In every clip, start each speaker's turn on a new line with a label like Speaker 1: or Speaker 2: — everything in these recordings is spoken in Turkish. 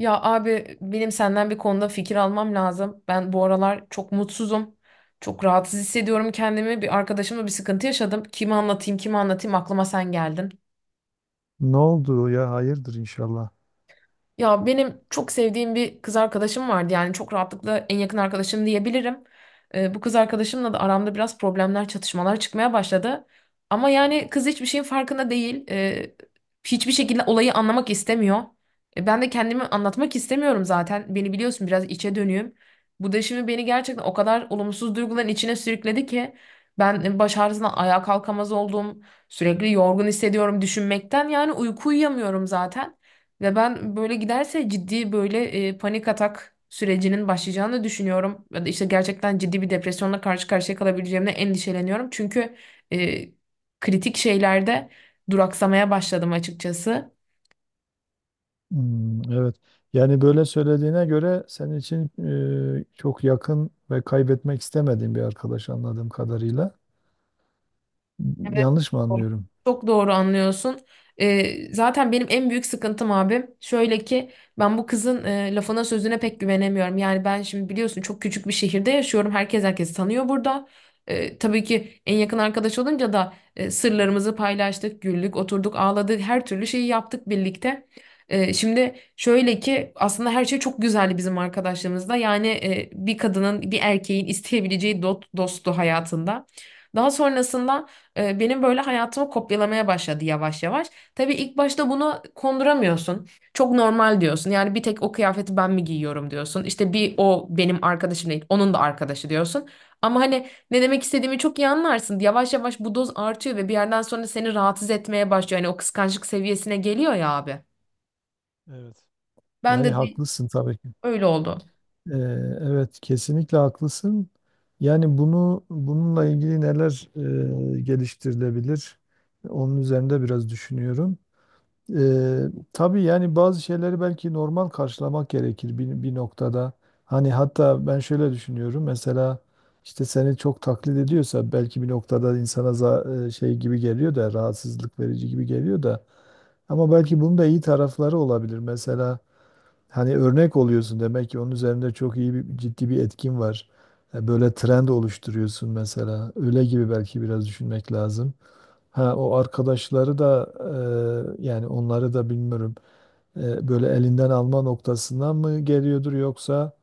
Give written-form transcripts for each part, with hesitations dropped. Speaker 1: Ya abi benim senden bir konuda fikir almam lazım. Ben bu aralar çok mutsuzum. Çok rahatsız hissediyorum kendimi. Bir arkadaşımla bir sıkıntı yaşadım. Kime anlatayım, kime anlatayım aklıma sen geldin.
Speaker 2: Ne oldu ya? Hayırdır inşallah.
Speaker 1: Ya benim çok sevdiğim bir kız arkadaşım vardı. Yani çok rahatlıkla en yakın arkadaşım diyebilirim. Bu kız arkadaşımla da aramda biraz problemler, çatışmalar çıkmaya başladı. Ama yani kız hiçbir şeyin farkında değil. Hiçbir şekilde olayı anlamak istemiyor. Ben de kendimi anlatmak istemiyorum zaten. Beni biliyorsun biraz içe dönüyüm. Bu da şimdi beni gerçekten o kadar olumsuz duyguların içine sürükledi ki ben baş ağrısından ayağa kalkamaz oldum. Sürekli yorgun hissediyorum düşünmekten. Yani uyku uyuyamıyorum zaten. Ve ben böyle giderse ciddi böyle panik atak sürecinin başlayacağını düşünüyorum. Ya da işte gerçekten ciddi bir depresyonla karşı karşıya kalabileceğimle endişeleniyorum. Çünkü e, kritik şeylerde duraksamaya başladım açıkçası.
Speaker 2: Hmm, evet. Yani böyle söylediğine göre senin için çok yakın ve kaybetmek istemediğin bir arkadaş anladığım kadarıyla. Yanlış mı anlıyorum?
Speaker 1: Çok doğru anlıyorsun. Zaten benim en büyük sıkıntım abim şöyle ki ben bu kızın lafına sözüne pek güvenemiyorum. Yani ben şimdi biliyorsun çok küçük bir şehirde yaşıyorum. Herkes herkesi tanıyor burada. Tabii ki en yakın arkadaş olunca da sırlarımızı paylaştık, güldük, oturduk, ağladık, her türlü şeyi yaptık birlikte. Şimdi şöyle ki aslında her şey çok güzeldi bizim arkadaşlığımızda. Yani bir kadının, bir erkeğin isteyebileceği dosttu hayatında. Daha sonrasında benim böyle hayatımı kopyalamaya başladı yavaş yavaş. Tabii ilk başta bunu konduramıyorsun. Çok normal diyorsun. Yani bir tek o kıyafeti ben mi giyiyorum diyorsun. İşte bir o benim arkadaşım değil, onun da arkadaşı diyorsun. Ama hani ne demek istediğimi çok iyi anlarsın. Yavaş yavaş bu doz artıyor ve bir yerden sonra seni rahatsız etmeye başlıyor. Yani o kıskançlık seviyesine geliyor ya abi.
Speaker 2: Evet.
Speaker 1: Ben de
Speaker 2: Yani
Speaker 1: de
Speaker 2: haklısın tabii ki.
Speaker 1: öyle oldu.
Speaker 2: Ee, evet, kesinlikle haklısın. Yani bunu bununla ilgili neler geliştirilebilir? Onun üzerinde biraz düşünüyorum. Ee, tabii yani bazı şeyleri belki normal karşılamak gerekir bir noktada. Hani hatta ben şöyle düşünüyorum. Mesela işte seni çok taklit ediyorsa belki bir noktada insana şey gibi geliyor da rahatsızlık verici gibi geliyor da. Ama belki bunun da iyi tarafları olabilir. Mesela hani örnek oluyorsun demek ki onun üzerinde çok iyi bir, ciddi bir etkin var. Böyle trend oluşturuyorsun mesela. Öyle gibi belki biraz düşünmek lazım. Ha, o arkadaşları da yani onları da bilmiyorum. Böyle elinden alma noktasından mı geliyordur yoksa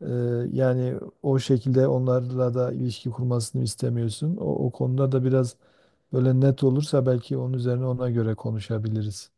Speaker 2: e, yani o şekilde onlarla da ilişki kurmasını istemiyorsun. O konuda da biraz böyle net olursa belki onun üzerine ona göre konuşabiliriz.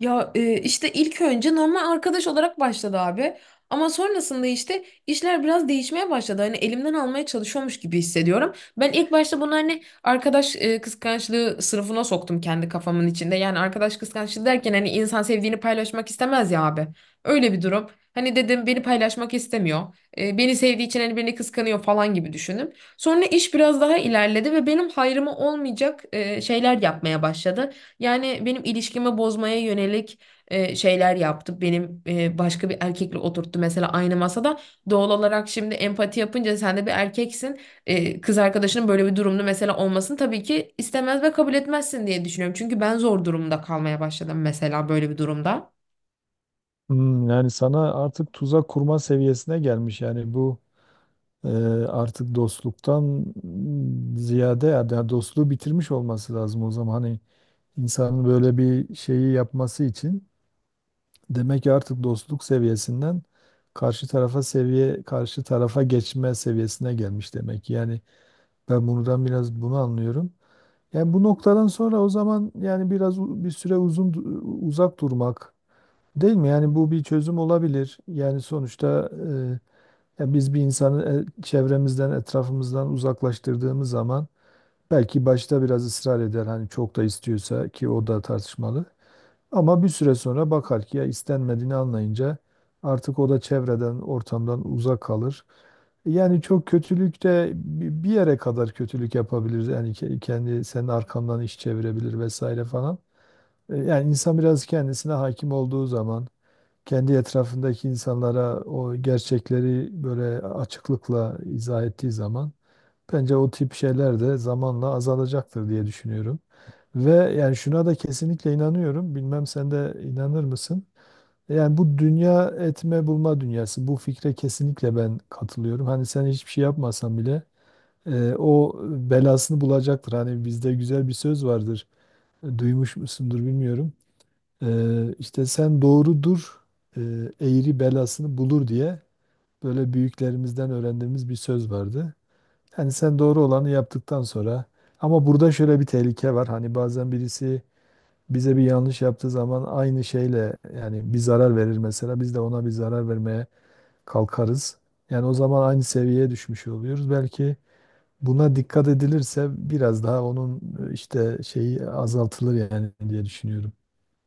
Speaker 1: Ya işte ilk önce normal arkadaş olarak başladı abi. Ama sonrasında işte işler biraz değişmeye başladı. Hani elimden almaya çalışıyormuş gibi hissediyorum. Ben ilk başta bunu hani arkadaş kıskançlığı sınıfına soktum kendi kafamın içinde. Yani arkadaş kıskançlığı derken hani insan sevdiğini paylaşmak istemez ya abi. Öyle bir durum. Hani dedim beni paylaşmak istemiyor. Beni sevdiği için hani beni kıskanıyor falan gibi düşündüm. Sonra iş biraz daha ilerledi ve benim hayrıma olmayacak şeyler yapmaya başladı. Yani benim ilişkimi bozmaya yönelik şeyler yaptı. Benim başka bir erkekle oturttu mesela aynı masada. Doğal olarak şimdi empati yapınca sen de bir erkeksin. Kız arkadaşının böyle bir durumda mesela olmasını tabii ki istemez ve kabul etmezsin diye düşünüyorum. Çünkü ben zor durumda kalmaya başladım mesela böyle bir durumda.
Speaker 2: Hmm, yani sana artık tuzak kurma seviyesine gelmiş yani bu e, artık dostluktan ziyade ya yani dostluğu bitirmiş olması lazım o zaman hani insanın böyle bir şeyi yapması için. Demek ki artık dostluk seviyesinden karşı tarafa geçme seviyesine gelmiş demek ki. Yani ben buradan biraz bunu anlıyorum. Yani bu noktadan sonra o zaman yani biraz bir süre uzak durmak değil mi? Yani bu bir çözüm olabilir. Yani sonuçta ya biz bir insanı çevremizden, etrafımızdan uzaklaştırdığımız zaman belki başta biraz ısrar eder hani çok da istiyorsa ki o da tartışmalı. Ama bir süre sonra bakar ki ya istenmediğini anlayınca artık o da çevreden, ortamdan uzak kalır. Yani çok kötülük de bir yere kadar kötülük yapabilir. Yani kendi senin arkandan iş çevirebilir vesaire falan. Yani insan biraz kendisine hakim olduğu zaman kendi etrafındaki insanlara o gerçekleri böyle açıklıkla izah ettiği zaman bence o tip şeyler de zamanla azalacaktır diye düşünüyorum. Ve yani şuna da kesinlikle inanıyorum. Bilmem sen de inanır mısın? Yani bu dünya etme bulma dünyası, bu fikre kesinlikle ben katılıyorum. Hani sen hiçbir şey yapmasan bile o belasını bulacaktır. Hani bizde güzel bir söz vardır. Duymuş musundur bilmiyorum. İşte sen doğrudur, e, eğri belasını bulur diye böyle büyüklerimizden öğrendiğimiz bir söz vardı. Yani sen doğru olanı yaptıktan sonra ama burada şöyle bir tehlike var. Hani bazen birisi bize bir yanlış yaptığı zaman aynı şeyle yani bir zarar verir, mesela biz de ona bir zarar vermeye kalkarız. Yani o zaman aynı seviyeye düşmüş oluyoruz. Belki buna dikkat edilirse biraz daha onun işte şeyi azaltılır yani diye düşünüyorum.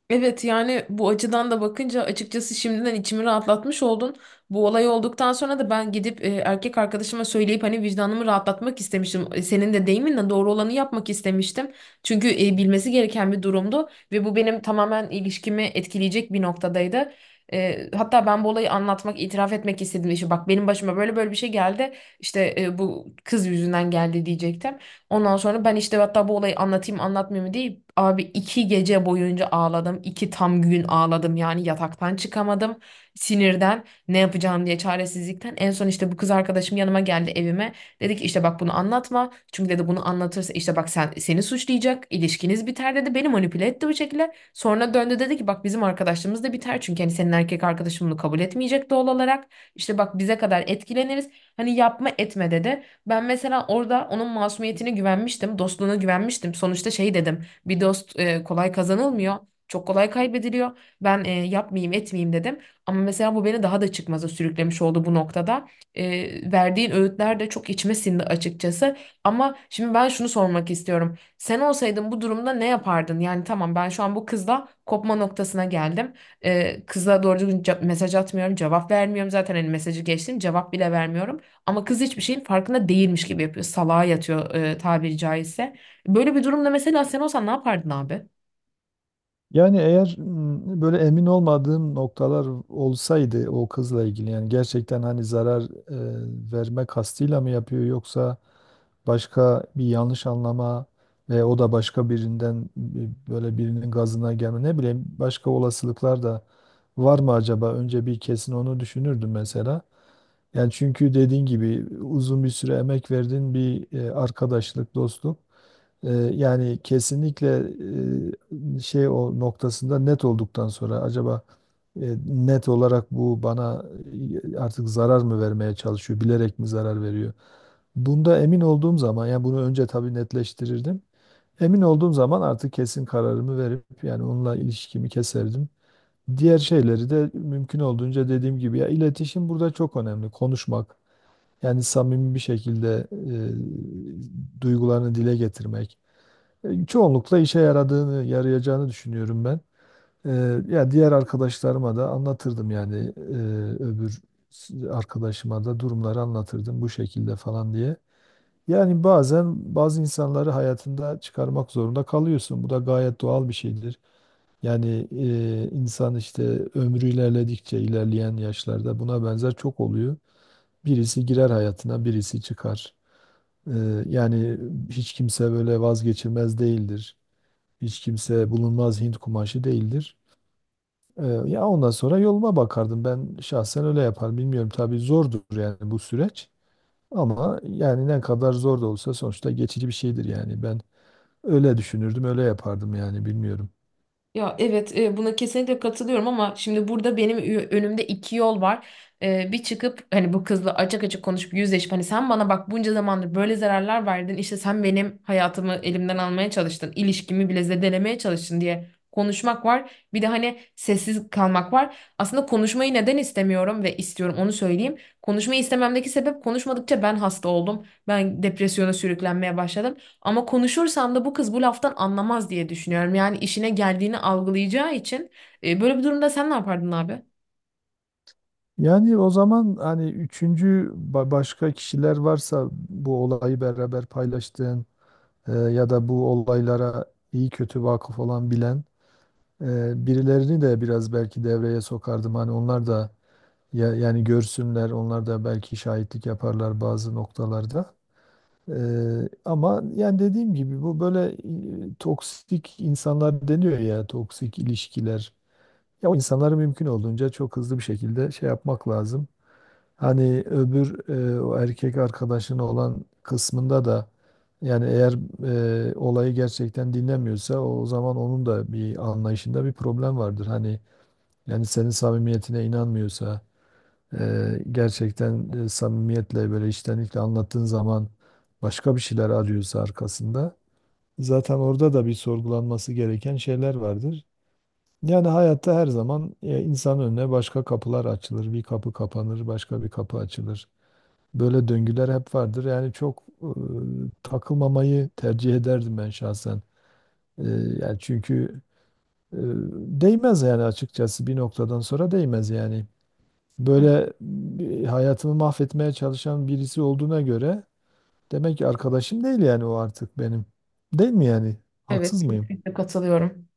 Speaker 1: Evet yani bu açıdan da bakınca açıkçası şimdiden içimi rahatlatmış oldun. Bu olay olduktan sonra da ben gidip erkek arkadaşıma söyleyip hani vicdanımı rahatlatmak istemiştim. Senin de deyiminle doğru olanı yapmak istemiştim. Çünkü bilmesi gereken bir durumdu ve bu benim tamamen ilişkimi etkileyecek bir noktadaydı. Hatta ben bu olayı anlatmak, itiraf etmek istedim. İşte bak benim başıma böyle böyle bir şey geldi. İşte bu kız yüzünden geldi diyecektim. Ondan sonra ben işte hatta bu olayı anlatayım anlatmayayım mı diye abi iki gece boyunca ağladım. İki tam gün ağladım yani yataktan çıkamadım. Sinirden ne yapacağım diye çaresizlikten. En son işte bu kız arkadaşım yanıma geldi evime. Dedi ki işte bak bunu anlatma. Çünkü dedi bunu anlatırsa işte bak sen seni suçlayacak. İlişkiniz biter dedi. Beni manipüle etti bu şekilde. Sonra döndü dedi ki bak bizim arkadaşlığımız da biter. Çünkü hani senin erkek arkadaşın bunu kabul etmeyecek doğal olarak. İşte bak bize kadar etkileniriz. Hani yapma etme dedi. Ben mesela orada onun masumiyetine güvenmiştim, dostluğuna güvenmiştim. Sonuçta şey dedim, bir dost kolay kazanılmıyor, çok kolay kaybediliyor. Ben yapmayayım, etmeyeyim dedim. Ama mesela bu beni daha da çıkmaza sürüklemiş oldu bu noktada. Verdiğin öğütler de çok içime sindi açıkçası. Ama şimdi ben şunu sormak istiyorum. Sen olsaydın bu durumda ne yapardın? Yani tamam ben şu an bu kızla kopma noktasına geldim. Kızla doğru düzgün mesaj atmıyorum, cevap vermiyorum zaten. Hani mesajı geçtim, cevap bile vermiyorum. Ama kız hiçbir şeyin farkında değilmiş gibi yapıyor. Salağa yatıyor tabiri caizse. Böyle bir durumda mesela sen olsan ne yapardın abi?
Speaker 2: Yani eğer böyle emin olmadığım noktalar olsaydı o kızla ilgili, yani gerçekten hani zarar verme kastıyla mı yapıyor, yoksa başka bir yanlış anlama ve o da başka birinden böyle birinin gazına gelme, ne bileyim, başka olasılıklar da var mı acaba? Önce bir kesin onu düşünürdüm mesela. Yani çünkü dediğin gibi uzun bir süre emek verdiğin bir arkadaşlık, dostluk. Ee, Yani kesinlikle şey o noktasında net olduktan sonra, acaba e, net olarak bu bana artık zarar mı vermeye çalışıyor, bilerek mi zarar veriyor? Bunda emin olduğum zaman yani bunu önce tabii netleştirirdim. Emin olduğum zaman artık kesin kararımı verip yani onunla ilişkimi keserdim. Diğer şeyleri de mümkün olduğunca, dediğim gibi, ya, iletişim burada çok önemli. Konuşmak yani samimi bir şekilde duygularını dile getirmek. Çoğunlukla işe yaradığını, yarayacağını düşünüyorum ben. E, Ya diğer arkadaşlarıma da anlatırdım yani, öbür arkadaşıma da durumları anlatırdım bu şekilde falan diye. Yani bazen bazı insanları hayatında çıkarmak zorunda kalıyorsun. Bu da gayet doğal bir şeydir. Yani insan işte ömrü ilerledikçe, ilerleyen yaşlarda buna benzer çok oluyor. Birisi girer hayatına, birisi çıkar. E, Yani hiç kimse böyle vazgeçilmez değildir. Hiç kimse bulunmaz Hint kumaşı değildir. Ya ondan sonra yoluma bakardım. Ben şahsen öyle yaparım. Bilmiyorum, tabii zordur yani bu süreç. Ama yani ne kadar zor da olsa sonuçta geçici bir şeydir yani. Ben öyle düşünürdüm, öyle yapardım yani, bilmiyorum.
Speaker 1: Ya evet buna kesinlikle katılıyorum ama şimdi burada benim önümde iki yol var. Bir çıkıp hani bu kızla açık açık konuşup yüzleşip hani sen bana bak bunca zamandır böyle zararlar verdin işte sen benim hayatımı elimden almaya çalıştın ilişkimi bile zedelemeye çalıştın diye konuşmak var. Bir de hani sessiz kalmak var. Aslında konuşmayı neden istemiyorum ve istiyorum onu söyleyeyim. Konuşmayı istememdeki sebep konuşmadıkça ben hasta oldum. Ben depresyona sürüklenmeye başladım. Ama konuşursam da bu kız bu laftan anlamaz diye düşünüyorum. Yani işine geldiğini algılayacağı için. Böyle bir durumda sen ne yapardın abi?
Speaker 2: Yani o zaman hani üçüncü başka kişiler varsa bu olayı beraber paylaştığın ya da bu olaylara iyi kötü vakıf olan, bilen birilerini de biraz belki devreye sokardım. Hani onlar da, ya, yani görsünler, onlar da belki şahitlik yaparlar bazı noktalarda. Ama yani dediğim gibi bu böyle toksik insanlar deniyor ya, toksik ilişkiler. Ya o insanları mümkün olduğunca çok hızlı bir şekilde şey yapmak lazım. Hani öbür o erkek arkadaşın olan kısmında da yani eğer olayı gerçekten dinlemiyorsa o zaman onun da bir anlayışında bir problem vardır. Hani yani senin samimiyetine inanmıyorsa, gerçekten samimiyetle böyle içtenlikle anlattığın zaman başka bir şeyler arıyorsa arkasında, zaten orada da bir sorgulanması gereken şeyler vardır. Yani hayatta her zaman insanın önüne başka kapılar açılır. Bir kapı kapanır, başka bir kapı açılır. Böyle döngüler hep vardır. Yani çok takılmamayı tercih ederdim ben şahsen. E, Yani çünkü e, değmez yani, açıkçası bir noktadan sonra değmez yani,
Speaker 1: Hı,
Speaker 2: böyle bir hayatımı mahvetmeye çalışan birisi olduğuna göre demek ki arkadaşım değil yani o artık benim. Değil mi yani?
Speaker 1: Evet.
Speaker 2: Haksız mıyım?
Speaker 1: Kesinlikle katılıyorum.